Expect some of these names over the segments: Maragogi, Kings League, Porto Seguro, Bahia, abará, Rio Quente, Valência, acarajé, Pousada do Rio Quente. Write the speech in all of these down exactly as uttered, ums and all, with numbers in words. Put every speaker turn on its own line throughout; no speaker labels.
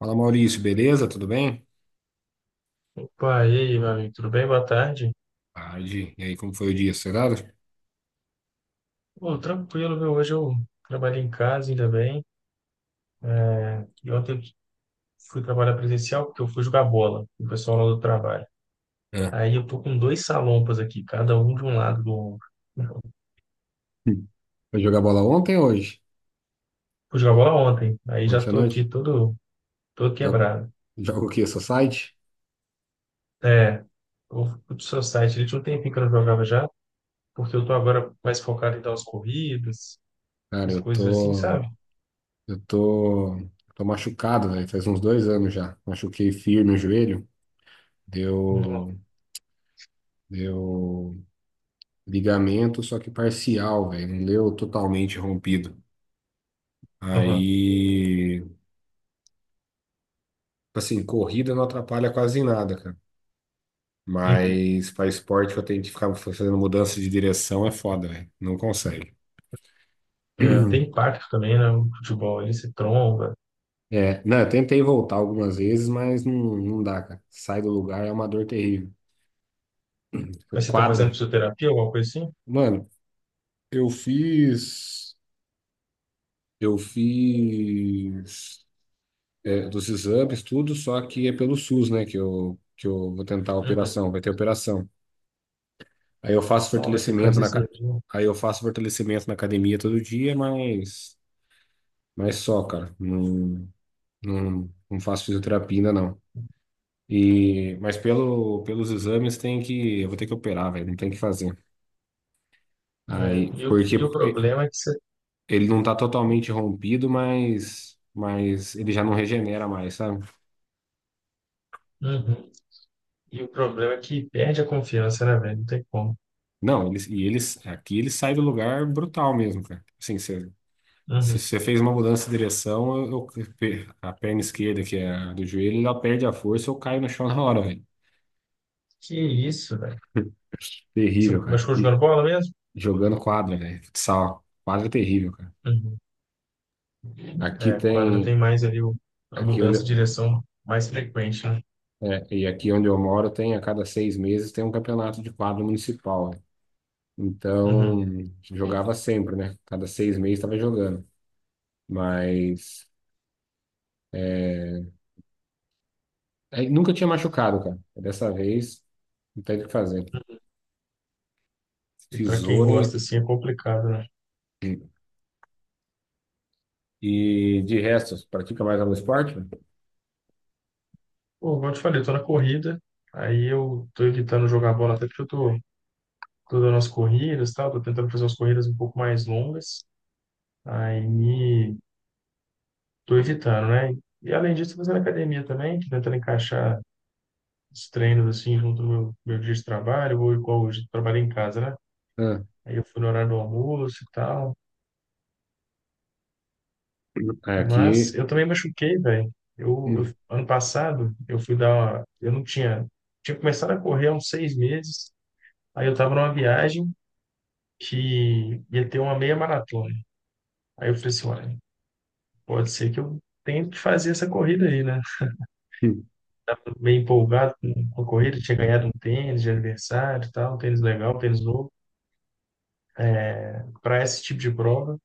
Fala, Maurício, beleza? Tudo bem?
Pá, e aí, meu amigo, tudo bem? Boa tarde.
Tarde. E aí, como foi o dia? Acelerado?
Pô, tranquilo, viu? Hoje eu trabalhei em casa, ainda bem. É, e ontem eu fui trabalhar presencial porque eu fui jogar bola com o pessoal lá do trabalho.
É.
Aí eu tô com dois salompas aqui, cada um de um lado do ombro.
Hum. Foi jogar bola ontem ou hoje?
Fui jogar bola ontem, aí já
Ontem à
tô aqui
noite?
todo, todo
Jogo,
quebrado.
jogo o quê? Society?
É, eu fui pro seu site, ele tinha um tempinho que eu não jogava já, porque eu tô agora mais focado em dar umas corridas,
Cara,
as
eu
coisas assim,
tô.
sabe?
Eu tô. Tô machucado, velho. Faz uns dois anos já. Machuquei firme o joelho.
Não.
Deu. Deu ligamento, só que parcial, velho. Não deu totalmente rompido.
Uhum.
Aí. Assim, corrida não atrapalha quase em nada, cara.
Uhum.
Mas para esporte que eu tenho que ficar fazendo mudança de direção é foda, velho. Não consegue.
É, tem impacto também, né? O futebol, ele se tromba.
É, não, eu tentei voltar algumas vezes, mas não, não dá, cara. Sai do lugar é uma dor terrível. Foi
Mas você tá fazendo
quadra.
fisioterapia, alguma coisa assim?
Mano, eu fiz. Eu fiz. É, dos exames, tudo, só que é pelo suss, né? Que eu, que eu vou tentar a
Uhum.
operação, vai ter operação. Aí eu faço
Não, vai ter que
fortalecimento
fazer
na. ca-
cirurgia.
Aí eu faço fortalecimento na academia todo dia, mas. Mas só, cara. Não. Não, não faço fisioterapia ainda, não. E, mas pelo, pelos exames tem que. Eu vou ter que operar, velho. Não tem que fazer.
É.
Aí,
E, o,
porque
e o
e-
problema é que você.
ele não tá totalmente rompido, mas, mas ele já não regenera mais, sabe?
Uhum. E o problema é que perde a confiança, né, velho? Não tem como.
Não, eles, e eles, aqui ele sai do lugar brutal mesmo, cara. Assim, você, se
Uhum.
você fez uma mudança de direção, eu, eu- pe- a perna esquerda, que é a do joelho, ela perde a força, eu caio no chão na hora, velho.
Que isso, velho? Você
Terrível, cara.
machucou
E
jogando bola mesmo?
jogando quadra, velho. Futsal. Quadra é terrível, cara.
Uhum.
Aqui
É, quadra
tem,
tem mais ali o, a
aqui onde,
mudança de direção mais frequente, né?
é, e aqui onde eu moro tem a cada seis meses tem um campeonato de quadro municipal. Então
Uhum.
jogava sempre, né? Cada seis meses estava jogando, mas é, aí nunca tinha machucado, cara. Dessa vez não tem o que fazer.
E para quem
Tesoura
gosta assim é complicado, né?
e, e de resto, pratica mais algum esporte?
Pô, como eu te falei, eu tô na corrida, aí eu tô evitando jogar bola até porque eu tô, tô dando as corridas, e tal, tô tentando fazer umas corridas um pouco mais longas. Aí tô evitando, né? E além disso, tô fazendo academia também, tô tentando encaixar os treinos assim junto ao meu, meu dia de trabalho, ou igual hoje, eu trabalhei em casa, né?
Ah,
Aí eu fui no horário do almoço e tal. Mas
aqui.
eu também machuquei, velho. Eu,
Hum,
eu- ano passado, eu fui dar uma. Eu não tinha. Tinha começado a correr há uns seis meses. Aí eu tava numa viagem que ia ter uma meia maratona. Aí eu falei assim: olha, pode ser que eu tenha que fazer essa corrida aí, né?
hum,
Meio empolgado com com a corrida, tinha ganhado um tênis de aniversário, e tal, um tênis legal, um tênis novo, para esse tipo de prova.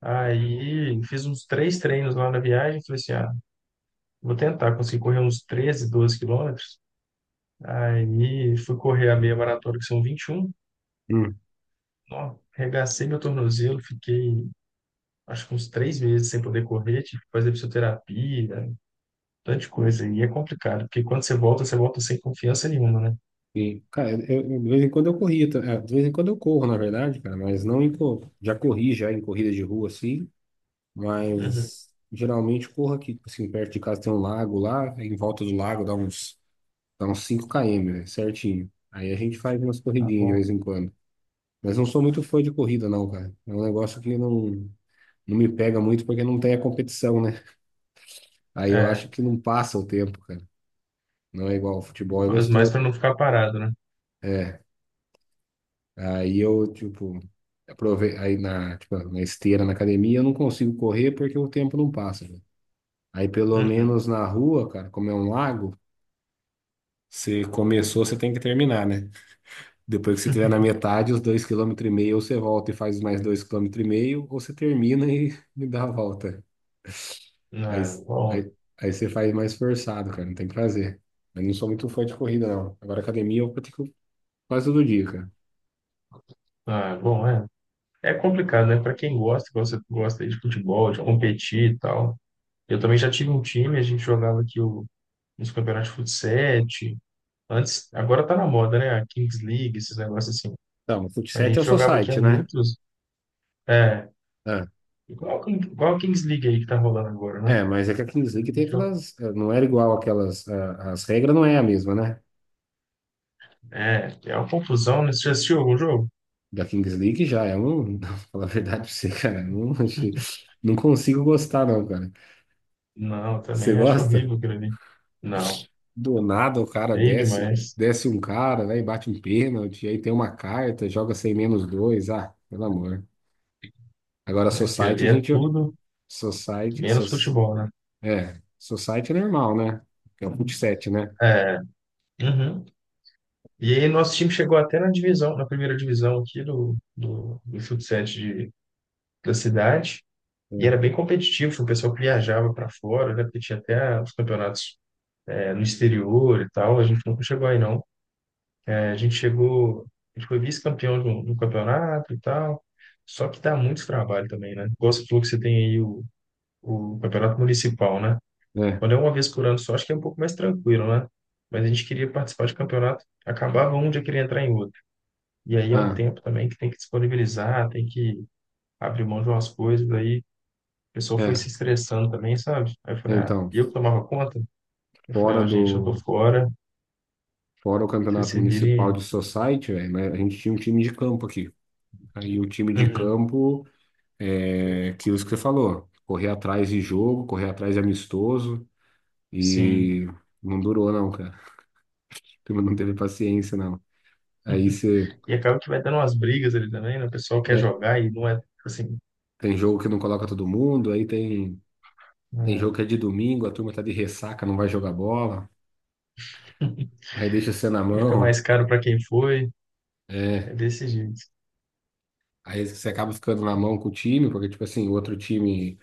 Aí fiz uns três treinos lá na viagem, falei assim, ah, vou tentar, conseguir correr uns treze doze quilômetros. Aí fui correr a meia maratona, que são vinte e um.
hum.
Ó, arregacei meu tornozelo, fiquei acho que uns três meses sem poder correr, tive que fazer fisioterapia, um tanto de coisa. E é complicado, porque quando você volta, você volta sem confiança nenhuma, né?
E, cara, eu, eu- de vez em quando eu corria, tá? É, de vez em quando eu corro, na verdade, cara, mas não em, cor- já corri já em corrida de rua, assim,
Uhum.
mas geralmente corro aqui, tipo assim, perto de casa tem um lago lá, em volta do lago dá uns, dá uns cinco km, né, certinho. Aí a gente faz umas
Tá
corridinhas de
bom.
vez em quando. Mas não sou muito fã de corrida, não, cara. É um negócio que não, não me pega muito porque não tem a competição, né? Aí eu acho
É,
que não passa o tempo, cara. Não é igual ao futebol, é
faz mais
gostoso.
para não ficar parado, né?
É, aí eu, tipo, aprove... aí na, tipo, na esteira, na academia, eu não consigo correr porque o tempo não passa, né? Aí pelo
Uhum.
menos na rua, cara, como é um lago, você começou, você tem que terminar, né? Depois que você estiver na metade, os dois quilômetros e meio, ou você volta e faz mais dois quilômetros e meio, ou você termina e, e dá a volta. Aí,
É, bom,
aí, aí você faz mais forçado, cara, não tem o que fazer. Eu não sou muito fã de corrida, não. Agora academia eu pratico quase todo dia, cara.
é, bom, é. É complicado, né? Para quem gosta, gosta, gosta aí de futebol, de competir e tal. Eu também já tive um time, a gente jogava aqui o, nos campeonatos de futsal. Antes, agora tá na moda, né? A Kings League, esses negócios assim.
Então, fut
Mas a
sete é
gente
o
jogava aqui há
society, né?
muitos. É,
Ah.
igual, a King- igual a Kings League aí que tá rolando agora, né?
É, mas é que a Kings League
A
tem
gente joga-
aquelas. eh, Não era igual aquelas. ah, As regras não é a mesma, né?
É, é uma confusão, né? Você já assistiu algum jogo?
Da Kings League já é um. Não, falar a verdade pra você, cara. Não, achei- não consigo gostar, não, cara.
Não,
Você
também acho
gosta?
horrível aquilo ali. Não,
Do nada o cara
feio
desce,
demais.
desce um cara, né? E bate um pênalti, aí tem uma carta, joga sem menos dois. Ah, pelo amor. Agora,
Aquilo
Society,
ali
a
é
gente.
tudo.
Society.
Menos
Sos,
futebol, né?
é, Society é normal, né? É o fut sete, né?
É. Uhum. E aí nosso time chegou até na divisão, na primeira divisão aqui do, do, do futsal de, da cidade.
É,
E era bem competitivo, o pessoal que viajava para fora, né? Porque tinha até os campeonatos é, no exterior e tal. A gente nunca chegou aí, não. É, a gente chegou, a gente foi vice-campeão de um de um campeonato e tal. Só que dá muito trabalho também, né? Igual você falou que você tem aí o, o campeonato municipal, né?
é.
Quando é uma vez por ano só, acho que é um pouco mais tranquilo, né? Mas a gente queria participar de campeonato, acabava um dia queria entrar em outro. E aí é um
Ah,
tempo também que tem que disponibilizar, tem que abrir mão de umas coisas, aí a pessoa foi se
é.
estressando também, sabe? Aí eu falei, ah,
Então,
e eu que tomava conta? Eu falei,
fora
ó, gente, eu
do.
tô fora,
Fora o
vocês
campeonato
se
municipal
virem.
de society, velho, né, a gente tinha um time de campo aqui. Aí o time de
Uhum.
campo é aquilo que você falou, correr atrás de jogo, correr atrás de amistoso e
Sim.
não durou não, cara. A turma não teve paciência não. Aí você
E acaba que vai dando umas brigas ali também, né? O pessoal quer
é,
jogar e não é tipo assim.
tem jogo que não coloca todo mundo, aí tem tem
É,
jogo que é de domingo, a turma tá de ressaca, não vai jogar bola, aí deixa você na
e fica
mão,
mais caro para quem foi.
é,
É desse jeito.
aí você acaba ficando na mão com o time, porque tipo assim, o outro time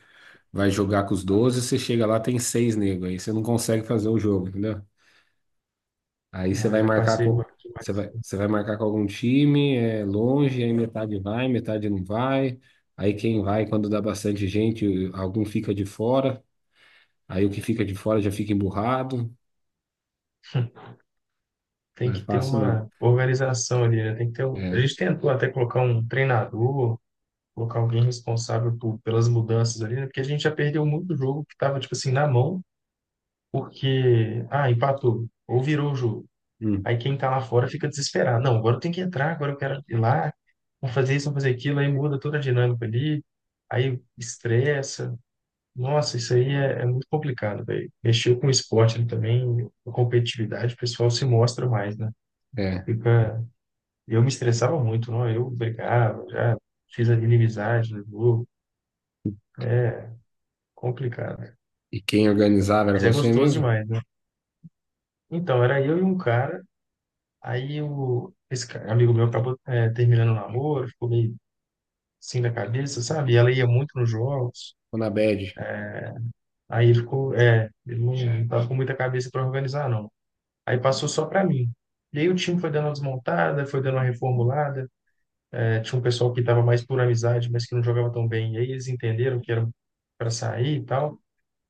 vai jogar com os doze, você chega lá, tem seis negros. Aí você não consegue fazer o jogo, entendeu? Aí você
Ah,
vai
já
marcar
passei por
com.
aqui,
Você
mas
vai, você vai marcar com algum time, é longe, aí metade vai, metade não vai. Aí quem vai, quando dá bastante gente, algum fica de fora. Aí o que fica de fora já fica emburrado.
tem
Não é
que ter
fácil, não.
uma organização ali, né? Tem que ter, um- a
É.
gente tentou até colocar um treinador, colocar alguém responsável por, pelas mudanças ali, né? Porque a gente já perdeu muito jogo que estava, tipo assim, na mão, porque, ah, empatou, ou virou o jogo.
Hum,
Aí quem tá lá fora fica desesperado. Não, agora eu tenho que entrar, agora eu quero ir lá, vou fazer isso, vou fazer aquilo, aí muda toda a dinâmica ali, aí estressa. Nossa, isso aí é, é muito complicado, velho. Mexeu com o esporte ali também, a competitividade, o pessoal se mostra mais, né?
é.
Fica eu me estressava muito, não? Eu brigava, já fiz a inimizade no grupo. É complicado, né?
E quem organizava era
Mas é
você
gostoso
mesmo?
demais, né? Então, era eu e um cara, aí o, esse cara, amigo meu acabou é, terminando o namoro, ficou meio assim da cabeça, sabe? E ela ia muito nos jogos,
Ou na bad?
aí ele ficou, é, ele não, não tava com muita cabeça para organizar, não. Aí passou só para mim. E aí o time foi dando uma desmontada, foi dando uma reformulada. É, tinha um pessoal que estava mais por amizade, mas que não jogava tão bem. E aí eles entenderam que era para sair e tal.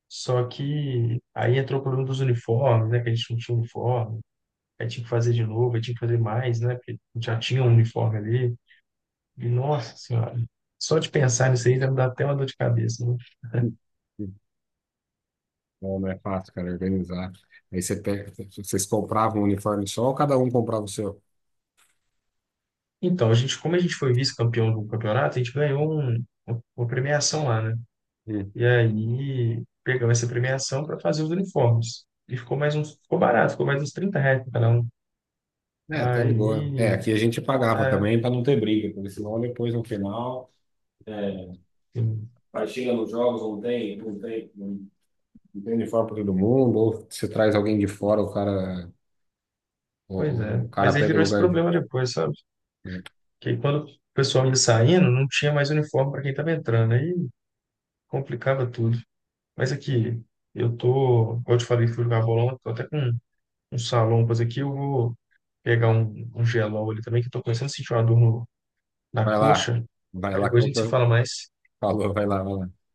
Só que aí entrou o problema dos uniformes, né? Que a gente não tinha uniforme. Aí tinha que fazer de novo, aí tinha que fazer mais, né? Porque já tinha um uniforme ali. E, nossa senhora, só de pensar nisso aí já me dá até uma dor de cabeça, né?
Hum, hum. Não, não é fácil, cara, organizar. Aí você pega, vocês compravam um uniforme só ou cada um comprava o seu?
Então, a gente, como a gente foi vice-campeão do campeonato, a gente ganhou um- um, uma premiação lá, né? E aí pegamos essa premiação para fazer os uniformes. E ficou mais uns, ficou barato, ficou mais uns trinta reais pra cada um.
É, tá de boa. É,
Aí,
aqui a gente pagava
é,
também para não ter briga, porque senão depois no final. É,
assim,
aí chega nos jogos, não tem, não tem, não não tem uniforme para todo mundo, ou você traz alguém de fora, o cara,
pois
o, o-
é.
o cara
Mas aí
pega o
virou esse
lugar de.
problema depois, sabe?
Né?
Que aí quando o pessoal ia saindo, não tinha mais uniforme para quem estava entrando. Aí complicava tudo. Mas aqui, eu tô, como eu te falei, fui jogar bolão, tô até com um salompas aqui, eu vou pegar um, um gelol ali também, que eu tô começando a sentir uma dor no- na
Vai lá,
coxa.
vai
Aí
lá que
depois
eu
a
vou.
gente se
Pra-
fala mais.
falou, vai lá, vai lá.